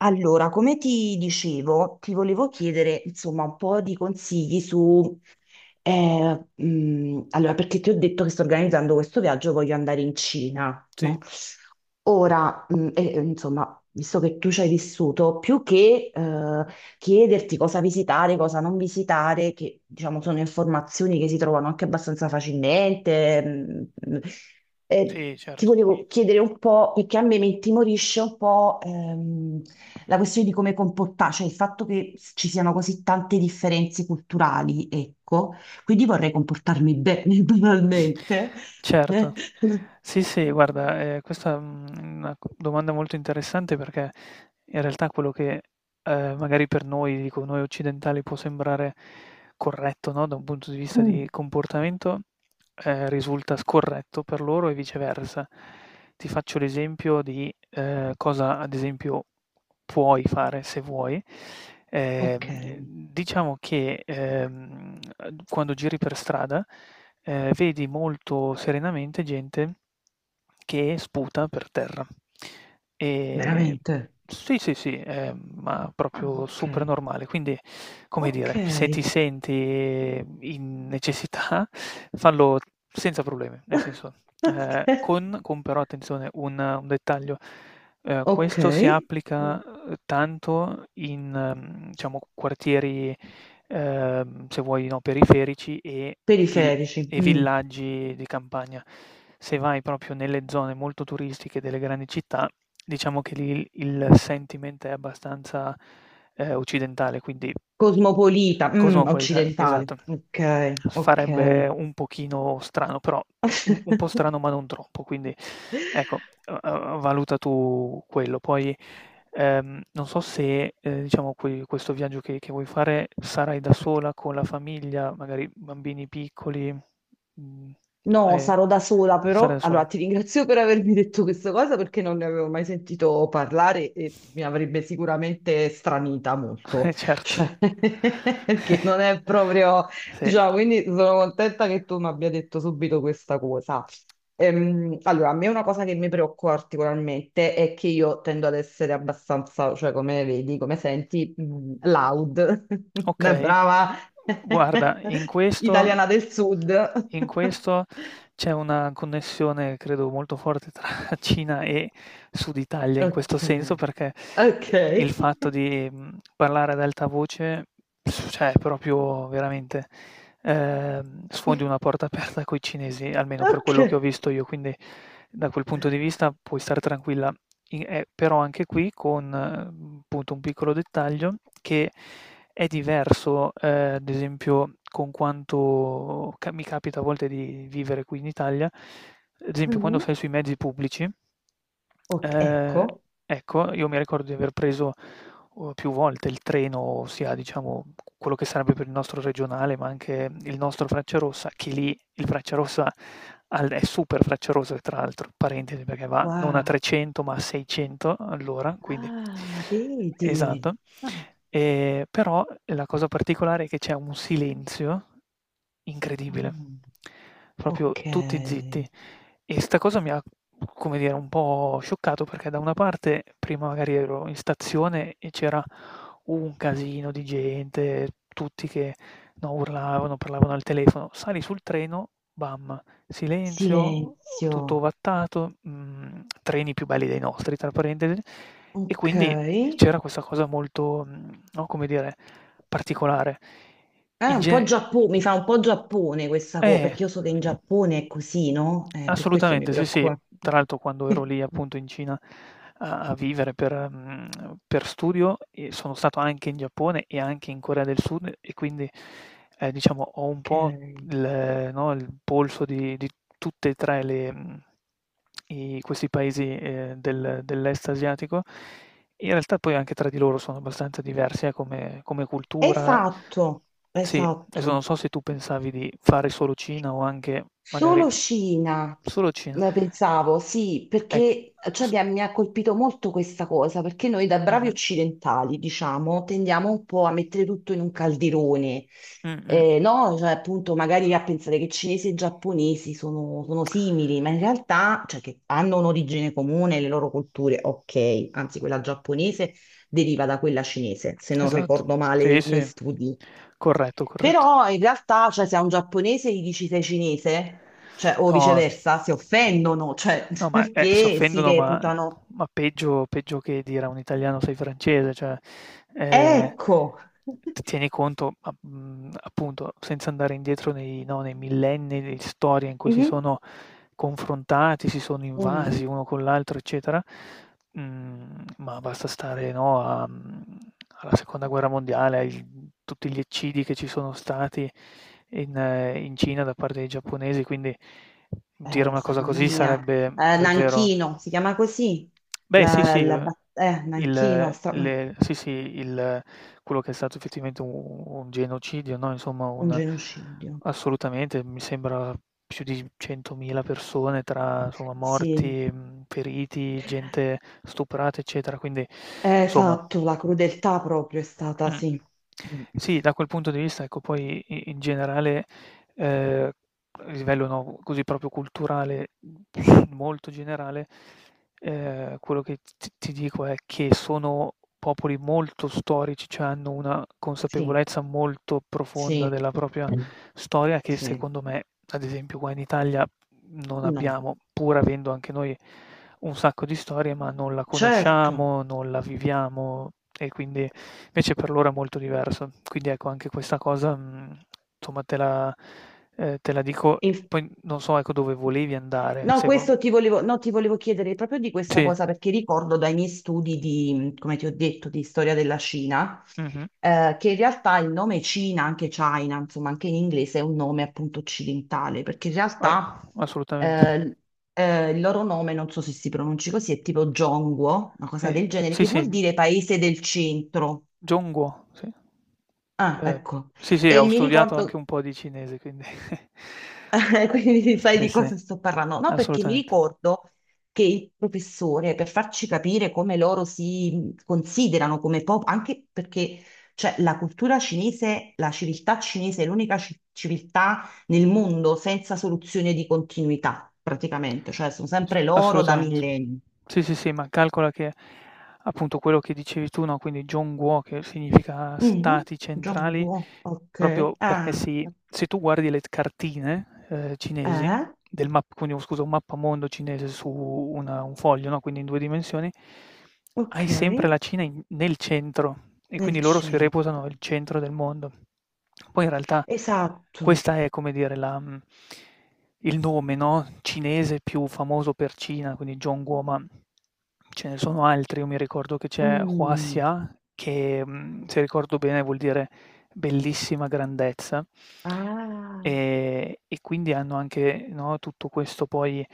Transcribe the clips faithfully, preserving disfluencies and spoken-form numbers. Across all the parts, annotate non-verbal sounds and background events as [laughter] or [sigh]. Allora, come ti dicevo, ti volevo chiedere insomma un po' di consigli su, eh, mh, allora, perché ti ho detto che sto organizzando questo viaggio, voglio andare in Cina, Sì, no? Ora, mh, e- e, insomma, visto che tu ci hai vissuto, più che eh, chiederti cosa visitare, cosa non visitare, che diciamo sono informazioni che si trovano anche abbastanza facilmente. mh, mh. Eh, sì, Ti certo. volevo chiedere un po', perché a me mi intimorisce un po' ehm, la questione di come comportarsi, cioè il fatto che ci siano così tante differenze culturali, ecco, quindi vorrei comportarmi bene, [laughs] banalmente. Certo. Eh. Sì, sì, guarda, ehm, questa, mhmm, è una c domanda molto interessante perché in realtà quello che, ehm, magari per noi, dico noi occidentali, può sembrare corretto, no, da un punto di vista di Mm, comportamento, ehm, risulta scorretto per loro e viceversa. Ti faccio l'esempio di, ehm, cosa ad esempio puoi fare se vuoi. ok, Ehm, diciamo che, ehm, uhm, quando giri per strada, ehm, vedi molto serenamente gente che sputa per terra. Ehm, veramente. sì, sì, sì, ehm, ma Ah, proprio super ok. normale. Quindi, come Ok. dire, se ti senti in necessità, [laughs] fallo senza problemi, nel [laughs] senso, ehm, Ok. con con però attenzione un un dettaglio. Ehm, Ok. Questo si Mm. applica, uhm, tanto in, mhmm, diciamo quartieri, ehm, se vuoi, no, periferici e vil Periferici, e mm. villaggi di campagna. Se vai proprio nelle zone molto turistiche delle grandi città, diciamo che lì il il sentiment è abbastanza, ehm, occidentale, quindi Cosmopolita, mm, cosmopolita, occidentale, esatto. ok, Farebbe ok. un pochino strano, però un un po' [laughs] strano ma non troppo, quindi ecco, uhm, uhm, valuta tu quello. Poi, ehm, non so se, ehm, diciamo que questo viaggio che che vuoi fare sarai da sola, con la famiglia, magari bambini piccoli, mhmm, No, eh, sarò da sola, sarai però da sola, allora ti ringrazio per avermi detto questa cosa perché non ne avevo mai sentito parlare e mi avrebbe sicuramente stranita [laughs] eh molto, certo. cioè, [laughs] perché non è [laughs] proprio, Sì. diciamo, quindi sono contenta che tu mi abbia detto subito questa cosa. Ehm, allora, a me una cosa che mi preoccupa particolarmente è che io tendo ad essere abbastanza, cioè come vedi, come senti, mh, loud, [laughs] da Okay. brava Guarda, in [laughs] questo italiana del sud. in [laughs] questo c'è una connessione credo molto forte tra [laughs] Cina e Sud Italia in questo Ok, senso, perché i ok, il fatto di, mhmm, parlare ad alta voce, s- cioè è proprio veramente, ehm, sfondi una [laughs] porta aperta coi cinesi, almeno per quello che ho ok. visto io, quindi da quel punto di vista puoi star tranquilla. I ehm, Però anche qui con, mhmm, appunto un piccolo dettaglio, che è diverso, ehm, ad esempio con quanto ca mi capita a volte di vivere qui in Italia, ad esempio quando sei Mhm. sui mezzi pubblici, Ok, ehm, ecco, ecco, io mi ricordo di aver preso, uhm, più volte il treno, sia diciamo quello che sarebbe per il nostro regionale, ma anche il nostro Frecciarossa, che lì il Freccia Rossa al- è super Freccia Rossa, tra l'altro, parentesi, perché va non a wow, trecento ma a seicento all'ora, quindi ah, vedi, esatto. ah, Ehm, però la cosa particolare è che c'è un silenzio incredibile, mm. proprio Ok, tutti zitti. E sta cosa mi ha, come dire, un po' scioccato perché da una parte prima magari ero in stazione e c'era un casino di gente, tutti che, no, urlavano, parlavano al telefono. Sali sul treno, bam, silenzio, tutto silenzio, ovattato, mhmm, treni più belli dei nostri tra parentesi, e ok. quindi e c'era questa cosa molto, mhmm, no, come dire, particolare. Ah, In un po' ge Giappone, mi fa un po' Giappone questa cosa, Eh. perché io so che in Giappone è così, no? Eh, per questo mi Assolutamente, sì, sì. preoccupa. Tra l'altro quando ero [laughs] lì appunto in Cina a a vivere per mhmm, per studio e sono stato anche in Giappone e anche in Corea del Sud e quindi, ehm, diciamo ho un Ok, po' il no, il polso di di tutte e tre le mhmm, i questi paesi, ehm, del dell'est asiatico. In realtà poi anche tra di loro sono abbastanza diversi, eh, come come cultura. esatto, Sì, adesso esatto. non so se tu pensavi di fare solo Cina o anche magari Solo Scina, solo Cina. eh, pensavo, sì, Ecco, perché cioè, s mi ha, mi ha colpito molto questa cosa, perché noi da bravi mh-mh, occidentali, diciamo, tendiamo un po' a mettere tutto in un calderone, eh, mh-mh. no? Cioè, appunto, magari a pensare che cinesi e giapponesi sono, sono simili, ma in realtà, cioè, che hanno un'origine comune, le loro culture, ok, anzi quella giapponese deriva da quella cinese, se non Esatto, ricordo male sì, i miei sì. studi. Corretto, corretto. Però in realtà, cioè, se a un giapponese gli dici sei cinese, cioè, o No. viceversa, si offendono, cioè, No, [laughs] ma, eh, si perché si offendono, ma reputano. ma peggio peggio che dire a un italiano: "Sei francese", cioè, ehm, Ecco. t tieni conto, a mhmm, appunto, senza andare indietro nei no, nei millenni di storia in cui si Mhm. sono confrontati, si sono Mhm. invasi uno con l'altro, eccetera. Mhmm, ma basta stare, no, a mhmm, alla seconda guerra mondiale, ai tutti gli eccidi che ci sono stati in eh, in Cina da parte dei giapponesi, quindi dire Eh, una sa- cosa mamma così mia. sarebbe Eh, davvero. Nanchino, si chiama così? Beh sì, La, sì, la uhm, bat- eh, il Nanchino, sta- ma- le sì, sì, il quello che è stato effettivamente u un genocidio, no, insomma Un un. genocidio. Assolutamente, mi sembra più di centomila persone tra, insomma, Sì, morti, mhmm, feriti, gente stuprata, eccetera, quindi Eh, insomma. esatto, la crudeltà proprio è stata, Mh. sì. Mm. Sì, da quel punto di vista, ecco, poi i in generale, ehm, a livello, no, così proprio culturale, molto generale. Ehm, quello che t t ti dico è che sono popoli molto storici, cioè hanno una Sì, consapevolezza molto profonda sì, della propria storia che sì, secondo me, ad esempio qua in Italia, non no, abbiamo, pur avendo anche noi un sacco di storie, ma non la certo. conosciamo, non la viviamo e quindi invece per loro è molto diverso. Quindi ecco anche questa cosa, mhmm, insomma te la ehm, te la dico e poi non so ecco dove volevi andare, No, se vo questo ti volevo, no, ti volevo chiedere proprio di questa sì, cosa perché ricordo dai miei studi di, come ti ho detto, di storia della Cina, mh-mh, eh, che in realtà il nome Cina, anche China, insomma, anche in inglese è un nome appunto occidentale, perché in eh, realtà assolutamente. eh, eh, il loro nome, non so se si pronunci così, è tipo Zhongguo, una cosa E del genere, sì, che sì, vuol dire paese del centro. John Guo, sì. Ah, Ehm, ecco. sì, sì, E ho mi studiato anche ricordo. un po' di cinese, quindi [laughs] [laughs] Quindi sai sì, di sì, cosa sto parlando? No, perché mi assolutamente. ricordo che il professore, per farci capire come loro si considerano come popolo, anche perché cioè, la cultura cinese, la civiltà cinese è l'unica ci- civiltà nel mondo senza soluzione di continuità, praticamente, cioè sono S sempre loro da assolutamente. millenni. Sì, sì, sì, ma calcola che appunto quello che dicevi tu, no, quindi jonguo che significa Mhm. stati centrali, Zhongguo, ok. proprio perché Ah, si se tu guardi le t cartine, ehm, cinesi eh, del map quindi un scusa, un mappamondo cinese su una un foglio, no, quindi in due dimensioni, hai ok, sempre la Cina in nel centro. E nel quindi loro si centro. reputano il centro del mondo. Poi in realtà Esatto. questa è, come dire, la mhmm, il nome, no, cinese più famoso per Cina, quindi Zhongguo, ma ce ne sono altri. Io mi ricordo che c'è Mm. Huaxia che, mhmm, se ricordo bene vuol dire bellissima grandezza. Ah. Ehm, e quindi hanno anche, no, tutto questo poi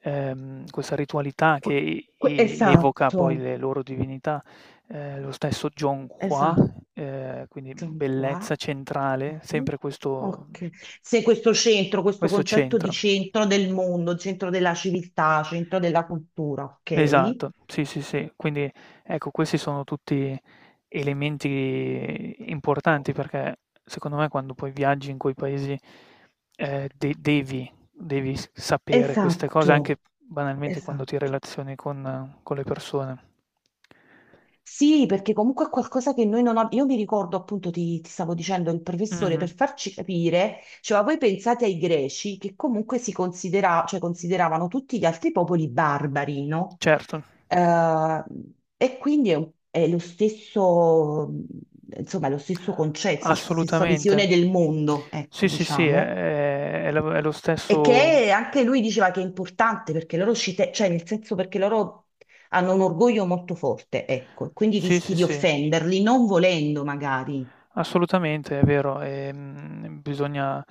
ehm, questa ritualità Qu- che que- e evoca Esatto, poi le loro divinità. Ehm, lo stesso John Qua, esatto, ehm, quindi bellezza qua. centrale, Ok. sempre questo Ok. Se questo centro, questo questo concetto di centro. centro del mondo, centro della civiltà, centro della cultura, ok? Esatto, sì, sì, sì. Quindi ecco, questi sono tutti elementi importanti perché secondo me quando poi viaggi in quei paesi, ehm, de devi devi s sapere queste cose Esatto, anche banalmente quando ti esatto. relazioni con con le persone. Sì, perché comunque è qualcosa che noi non abbiamo. Io mi ricordo, appunto, ti, ti stavo dicendo, il professore Mh-mh, per farci capire, cioè, ma voi pensate ai greci che comunque si considera- cioè, consideravano tutti gli altri popoli barbari, no? certo. Eh, e quindi è, un- è lo stesso, insomma, è lo stesso concetto, stes- stessa Assolutamente. visione del mondo, ecco, Sì, sì, sì, è diciamo. è è lo è lo E stesso che anche lui diceva che è importante perché loro ci te- cioè nel senso perché loro hanno un orgoglio molto forte, ecco, e quindi sì, rischi sì, di sì. offenderli non volendo magari. Assolutamente, è vero. Ehm, bisogna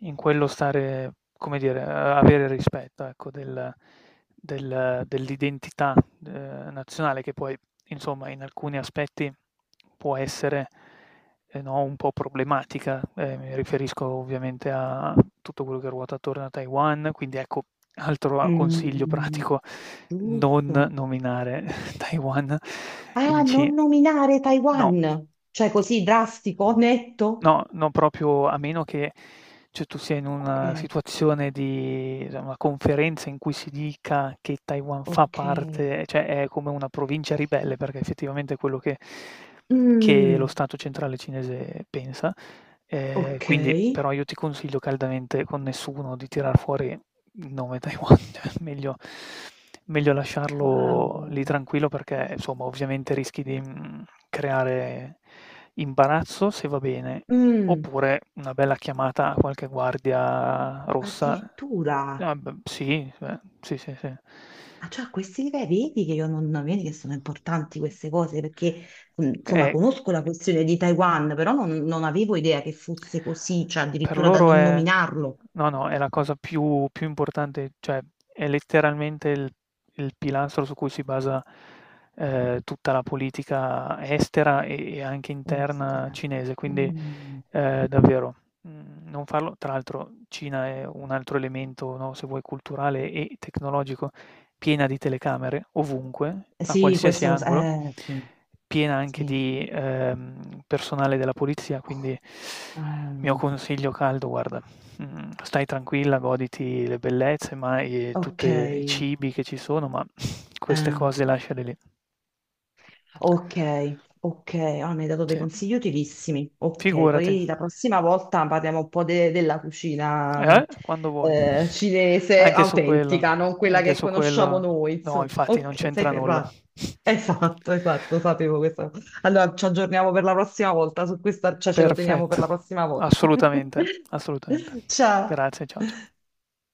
in quello stare, come dire, a avere rispetto, ecco, del del dell'identità, ehm, nazionale che poi, insomma, in alcuni aspetti può essere eh no, un po' problematica, eh, mi riferisco ovviamente a tutto quello che ruota attorno a Taiwan, quindi ecco, altro consiglio Mm, pratico, non giusto. nominare [laughs] Taiwan Ah, in ci non nominare no. Taiwan, cioè così drastico, netto. No, no, proprio a meno che, cioè, tu sia in una Ok, situazione di cioè, una conferenza in cui si dica che Taiwan fa ok. parte cioè è come una provincia ribelle, perché effettivamente quello che che lo Mm, Stato centrale cinese pensa. Ehm, ok. Quindi però io ti consiglio caldamente con nessuno di tirar fuori il nome Taiwan, [laughs] cioè meglio meglio lasciarlo lì Wow. tranquillo perché insomma ovviamente rischi di, mhmm, creare imbarazzo se va bene, Mm, oppure una bella chiamata a qualche guardia rossa. addirittura. Ah b sì, cioè sì, sì, sì. Ah, cioè, a questi livelli, vedi che io non, non- vedi che sono importanti queste cose perché, mm, Che insomma, è conosco la questione di Taiwan, però non, non avevo idea che fosse così, cioè Per addirittura da loro non è nominarlo. no, no, è la cosa più più importante, cioè è letteralmente il il pilastro su cui si basa, ehm, tutta la politica estera e e anche interna Estera. cinese, quindi, Mm. ehm, davvero, mhmm, non farlo. Tra l'altro Cina è un altro elemento, no, se vuoi culturale e tecnologico, piena di telecamere ovunque, a Sì, qualsiasi questo lo sa. angolo, Eh, sì. piena anche Sì. di, ehm, personale della polizia, quindi Ah, mio consiglio caldo, guarda, mhmm, stai tranquilla, goditi le bellezze ma e tutte i ok. cibi che ci sono, ma [sniffs] queste Eh, cose lasciale lì. Ok, ok, ah, mi hai dato dei Sì. consigli utilissimi. Ok, Figurati. poi la prossima volta parliamo un po' de- della cucina Eh, mh, quando vuoi. eh, cinese Anche su quello, autentica, non quella anche che su conosciamo quello noi, no, insomma. infatti non Ok, sei c'entra nulla. ferrato. Esatto, esatto, sapevo questo. Allora ci aggiorniamo per la prossima volta su questa, cioè ce lo teniamo per Perfetto. la prossima volta. Assolutamente, [laughs] assolutamente. Ciao. Grazie, ciao, ciao.